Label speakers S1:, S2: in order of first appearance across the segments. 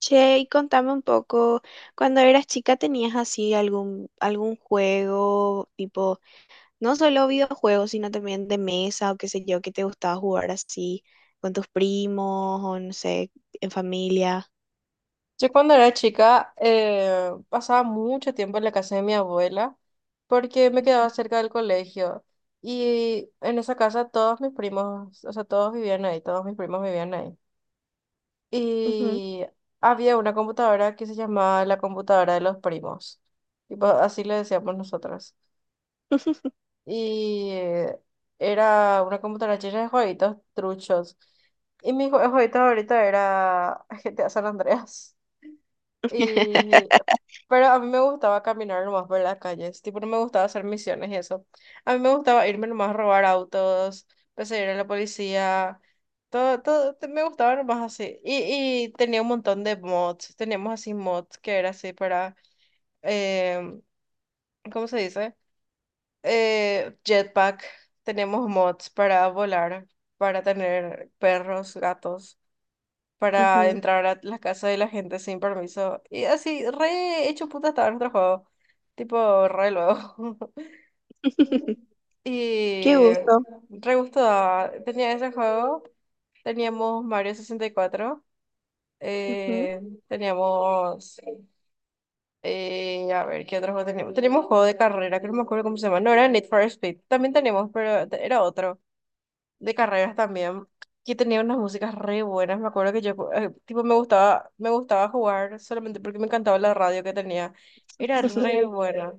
S1: Che, y contame un poco, cuando eras chica tenías así algún juego, tipo, no solo videojuegos, sino también de mesa o qué sé yo, que te gustaba jugar así con tus primos o no sé, en familia.
S2: Yo cuando era chica pasaba mucho tiempo en la casa de mi abuela porque me quedaba cerca del colegio, y en esa casa todos mis primos, o sea, todos vivían ahí, todos mis primos vivían ahí.
S1: Ujú,
S2: Y había una computadora que se llamaba la computadora de los primos, tipo, así le decíamos nosotros. Y era una computadora llena de jueguitos truchos. Y mi jueguito ahorita era GTA San Andreas. Y, pero a mí me gustaba caminar nomás por las calles, tipo, no me gustaba hacer misiones y eso. A mí me gustaba irme nomás a robar autos, perseguir a la policía, todo, todo, me gustaba nomás así. Y tenía un montón de mods, teníamos así mods que era así para, em, ¿cómo se dice? Jetpack, teníamos mods para volar, para tener perros, gatos, para
S1: ujú.
S2: entrar a las casas de la gente sin permiso. Y así, re hecho puta estaba nuestro juego. Tipo, re luego.
S1: Qué
S2: Y
S1: gusto.
S2: re gusto daba. Tenía ese juego. Teníamos Mario 64.
S1: Ujú.
S2: eh, Teníamos. A ver, ¿qué otro juego teníamos? Teníamos juego de carrera, que no me acuerdo cómo se llama. No era Need for Speed. También teníamos, pero era otro de carreras también, que tenía unas músicas re buenas. Me acuerdo que yo, tipo, me gustaba jugar solamente porque me encantaba la radio que tenía. Era re, sí, buena.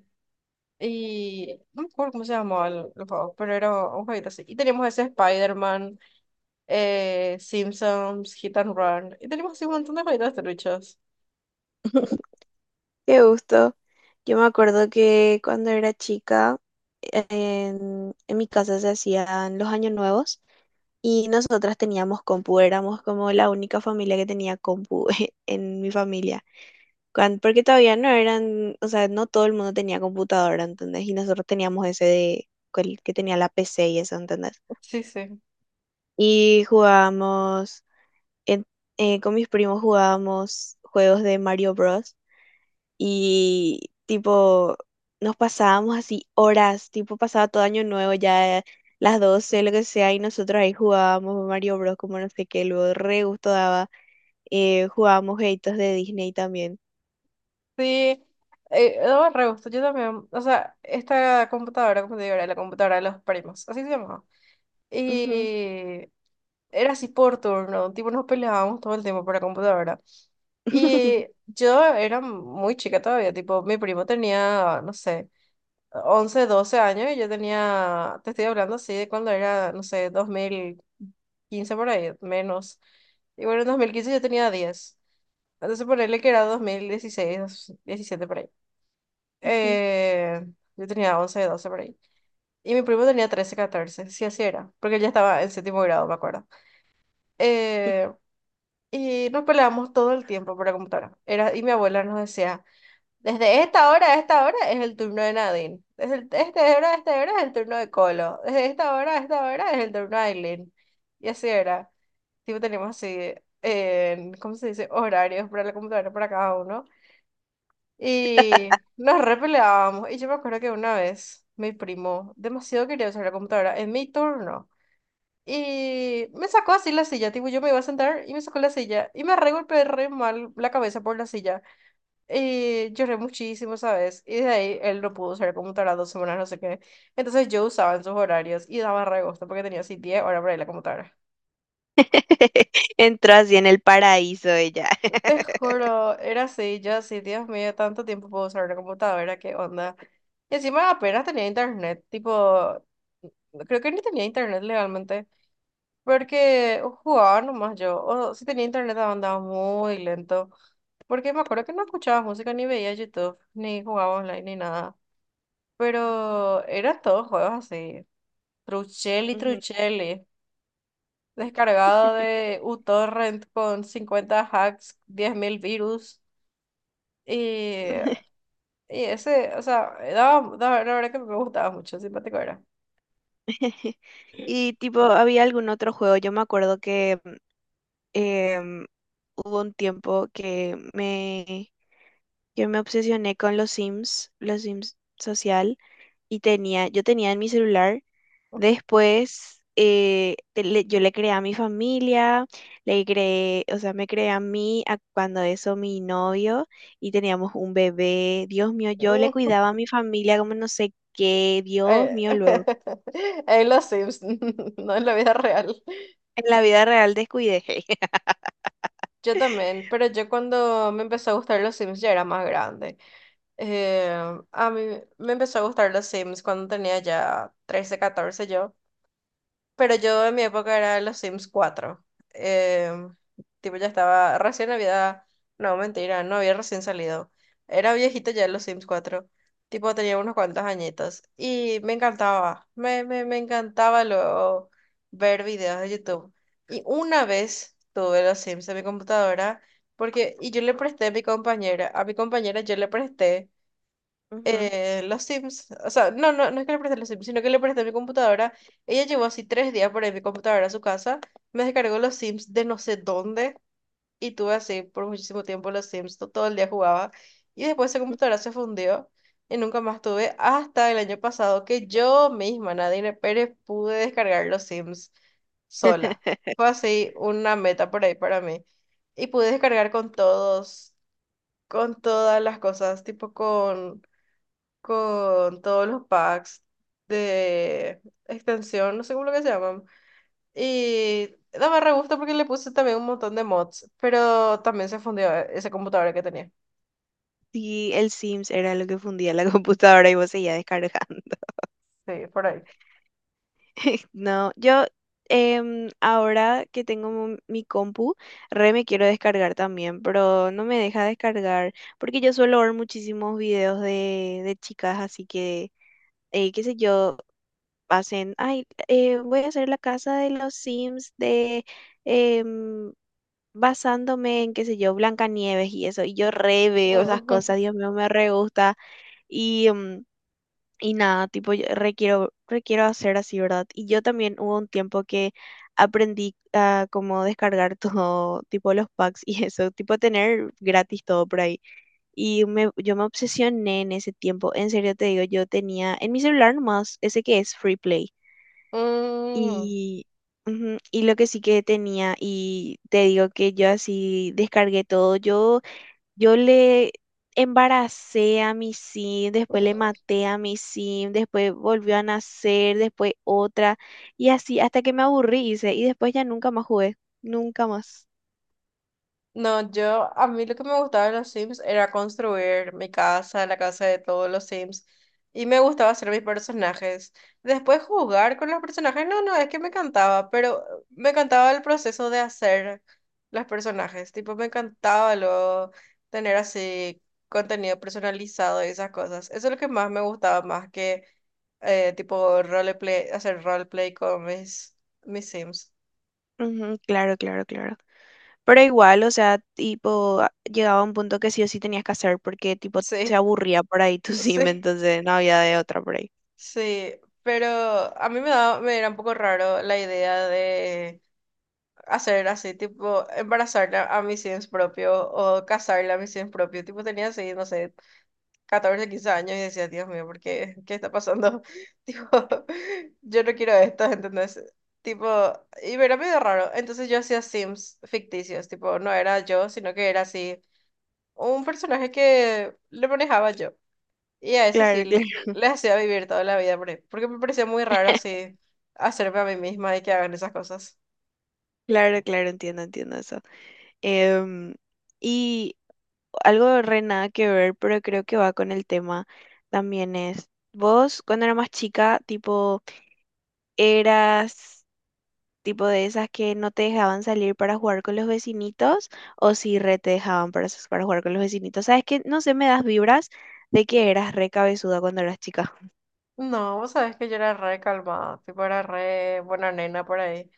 S2: Y no me acuerdo cómo se llamaba el juego, pero era un jueguito así. Y teníamos ese Spider-Man, Simpsons, Hit and Run. Y teníamos así un montón de jueguitos truchos.
S1: Qué gusto. Yo me acuerdo que cuando era chica, en mi casa se hacían los años nuevos. Y nosotras teníamos compu, éramos como la única familia que tenía compu en mi familia. Cuan- porque todavía no eran, o sea, no todo el mundo tenía computadora, ¿entendés? Y nosotros teníamos ese de cual- que tenía la PC y eso, ¿entendés?
S2: Sí, sí.
S1: Y jugábamos, en- con mis primos jugábamos juegos de Mario Bros y tipo nos pasábamos así horas, tipo pasaba todo año nuevo ya las 12 lo que sea, y nosotros ahí jugábamos Mario Bros. Como no sé qué, luego re gusto daba. Jugábamos jueguitos de Disney también.
S2: Sí. Daba re gusto, yo también. O sea, esta computadora, como te digo, era la computadora de los primos. Así se llamaba.
S1: Ujú.
S2: Y era así por turno, tipo nos peleábamos todo el tiempo por la computadora. Y yo era muy chica todavía, tipo, mi primo tenía, no sé, 11 12 años y yo tenía, te estoy hablando así de cuando era, no sé, 2015 por ahí, menos. Y bueno, en 2015 yo tenía 10. Entonces ponerle que era 2016 2017 por ahí.
S1: Ujú.
S2: Eh, yo tenía 11 12 por ahí. Y mi primo tenía 13 14, sí, así era, porque él ya estaba en séptimo grado, me acuerdo. Eh, Y nos peleábamos todo el tiempo por la computadora. Era, y mi abuela nos decía, desde esta hora a esta hora es el turno de Nadine. Desde esta hora a esta hora es el turno de Colo. Desde esta hora a esta hora es el turno de Aileen. Y así era. Tipo, teníamos así, ¿cómo se dice? Horarios para la computadora para cada uno. Y nos repeleábamos. Y yo me acuerdo que una vez mi primo demasiado quería usar la computadora en mi turno. Y me sacó así la silla, tipo, yo me iba a sentar y me sacó la silla. Y me re golpeé re mal la cabeza por la silla. Y lloré muchísimo, ¿sabes? Y de ahí él no pudo usar computadora 2 semanas, no sé qué. Entonces yo usaba en sus horarios y daba re gusto porque tenía así 10 horas para ir a la computadora.
S1: Entró así en el paraíso ella.
S2: Te juro, era así, yo así, Dios mío, tanto tiempo puedo usar una computadora, qué onda. Y encima apenas tenía internet, tipo, creo que ni tenía internet legalmente. Porque jugaba nomás yo, o si tenía internet andaba muy lento, porque me acuerdo que no escuchaba música, ni veía YouTube, ni jugaba online, ni nada, pero eran todos juegos así, Truchelli,
S1: Ujú.
S2: Truchelli, descargado de uTorrent con 50 hacks, 10.000 virus, y, y ese, o sea, la verdad que me gustaba mucho, simpático era.
S1: Y tipo, había algún otro juego. Yo me acuerdo que em, hubo un tiempo que que me obsesioné con los Sims social, y tenía, yo tenía en mi celular. Después te- le- yo le creé a mi familia, le creé, o sea, me creé a mí, a cuando eso mi novio, y teníamos un bebé. Dios mío, yo le
S2: Mm.
S1: cuidaba a mi familia como no sé qué, Dios
S2: Eh,
S1: mío, luego.
S2: En los Sims, no en la vida real.
S1: En la vida real descuidé.
S2: Yo también, pero yo cuando me empezó a gustar los Sims ya era más grande. Eh, a mí me empezó a gustar los Sims cuando tenía ya 13 14 yo. Pero yo en mi época era los Sims cuatro. Eh, Tipo, ya estaba, recién había, no, mentira, no había recién salido. Era viejito ya los Sims cuatro. Tipo, tenía unos cuantos añitos. Y me encantaba luego ver videos de YouTube. Y una vez tuve los Sims en mi computadora, porque, y yo le presté a mi compañera yo le presté
S1: Ujú.
S2: los Sims, o sea, no, no, no es que le presté los Sims, sino que le presté mi computadora. Ella llevó así 3 días por ahí mi computadora a su casa, me descargó los Sims de no sé dónde y tuve así por muchísimo tiempo los Sims, todo el día jugaba y después esa computadora se fundió y nunca más tuve hasta el año pasado que yo misma, Nadine Pérez, pude descargar los Sims sola. Fue así una meta por ahí para mí. Y pude descargar con todos, con todas las cosas, tipo con todos los packs de extensión, no sé cómo lo que se llaman. Y daba re gusto porque le puse también un montón de mods, pero también se fundió esa computadora que tenía.
S1: Sí, el Sims era lo que fundía la computadora y vos seguías descargando.
S2: Sí, por ahí.
S1: No, yo ahora que tengo mo- mi compu, re me quiero descargar también, pero no me deja descargar porque yo suelo ver muchísimos videos de chicas, así que, qué sé yo, hacen, ay, voy a hacer la casa de los Sims de... em, basándome en, qué sé yo, Blancanieves y eso, y yo re veo esas
S2: Mm,
S1: cosas, Dios mío, me re gusta, y... em, y nada, tipo, yo requiero, requiero hacer así, ¿verdad? Y yo también hubo un tiempo que aprendí a cómo descargar todo, tipo los packs y eso, tipo tener gratis todo por ahí. Y me, yo me obsesioné en ese tiempo, en serio te digo, yo tenía en mi celular nomás ese que es Free Play.
S2: mm, mm.
S1: Y, ujú, y lo que sí que tenía, y te digo que yo así descargué todo, yo le embaracé a mi sim, después le maté a mi sim, después volvió a nacer, después otra, y así hasta que me aburrí, hice, y después ya nunca más jugué, nunca más.
S2: No, yo, a mí lo que me gustaba de los Sims era construir mi casa, la casa de todos los Sims, y me gustaba hacer mis personajes. Después jugar con los personajes, no, no, es que me encantaba, pero me encantaba el proceso de hacer los personajes, tipo, me encantaba lo, tener así contenido personalizado y esas cosas. Eso es lo que más me gustaba, más que tipo roleplay, hacer roleplay con mis, mis Sims.
S1: Ujú, claro, claro, claro. Pero igual, o sea, tipo, a- llegaba un punto que sí o sí tenías que hacer porque, tipo, se
S2: Sí,
S1: aburría por ahí tu sim,
S2: sí.
S1: entonces no había de otra por ahí.
S2: Sí, pero a mí me era un poco raro la idea de hacer así, tipo, embarazarla a mis sims propio o casarla a mis sims propio. Tipo, tenía así, no sé, 14 15 años y decía, Dios mío, ¿por qué? ¿Qué está pasando? Tipo, yo no quiero esto, ¿entendés? Tipo, y me era medio raro. Entonces yo hacía sims ficticios, tipo, no era yo, sino que era así, un personaje que le manejaba yo. Y a eso sí,
S1: Claro, claro,
S2: les les hacía vivir toda la vida, por ahí, porque me parecía muy raro así hacerme a mí misma y que hagan esas cosas.
S1: claro, claro, entiendo, entiendo eso. Em, y algo re nada que ver, pero creo que va con el tema también es, vos cuando eras más chica, tipo, eras tipo de esas que no te dejaban salir para jugar con los vecinitos o si re te dejaban para, s- para jugar con los vecinitos. Sabes que, no sé, me das vibras de que eras re cabezuda cuando eras chica.
S2: No, vos sabés que yo era re calmada, tipo era re buena nena por ahí.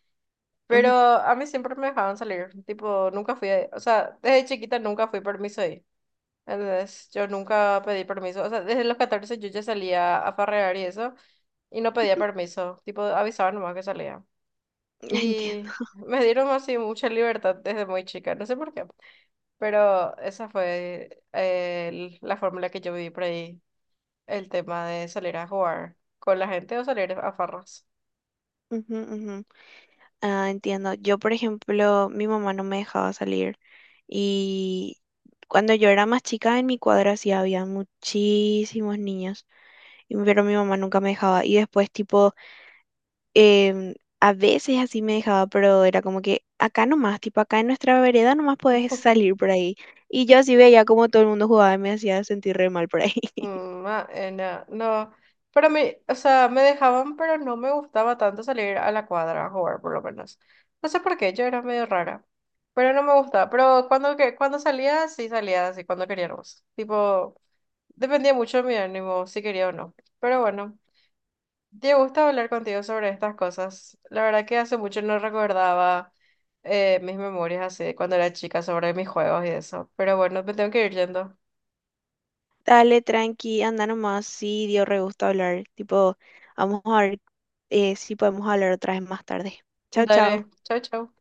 S2: Pero
S1: Ujú.
S2: a mí siempre me dejaban salir, tipo nunca fui, o sea, desde chiquita nunca fui permiso ahí. Entonces, yo nunca pedí permiso, o sea, desde los 14 yo ya salía a farrear y eso, y no pedía permiso, tipo avisaban nomás que salía.
S1: Entiendo.
S2: Y me dieron así mucha libertad desde muy chica, no sé por qué. Pero esa fue la fórmula que yo viví por ahí, el tema de salir a jugar con la gente o salir a farras.
S1: Ujú, ujú. Ah, entiendo. Yo, por ejemplo, mi mamá no me dejaba salir y cuando yo era más chica en mi cuadra sí había muchísimos niños, y- pero mi mamá nunca me dejaba. Y después, tipo, a veces así me dejaba, pero era como que acá nomás, tipo, acá en nuestra vereda nomás podés salir por ahí. Y yo así veía como todo el mundo jugaba y me hacía sentir re mal por ahí.
S2: Mm, ah, no, no, pero me, o sea, me dejaban, pero no me gustaba tanto salir a la cuadra a jugar, por lo menos. No sé por qué, yo era medio rara, pero no me gustaba. Pero cuando, que, cuando salía, sí salía así, cuando queríamos. Tipo, dependía mucho de mi ánimo, si quería o no. Pero bueno. Te gusta hablar contigo sobre estas cosas. La verdad que hace mucho no recordaba mis memorias así de cuando era chica sobre mis juegos y eso. Pero bueno, me tengo que ir yendo.
S1: Dale, tranqui, anda nomás. Sí, dio re gusto hablar. Tipo, vamos a ver si podemos hablar otra vez más tarde. Chao,
S2: Dale,
S1: chao.
S2: chao, chao.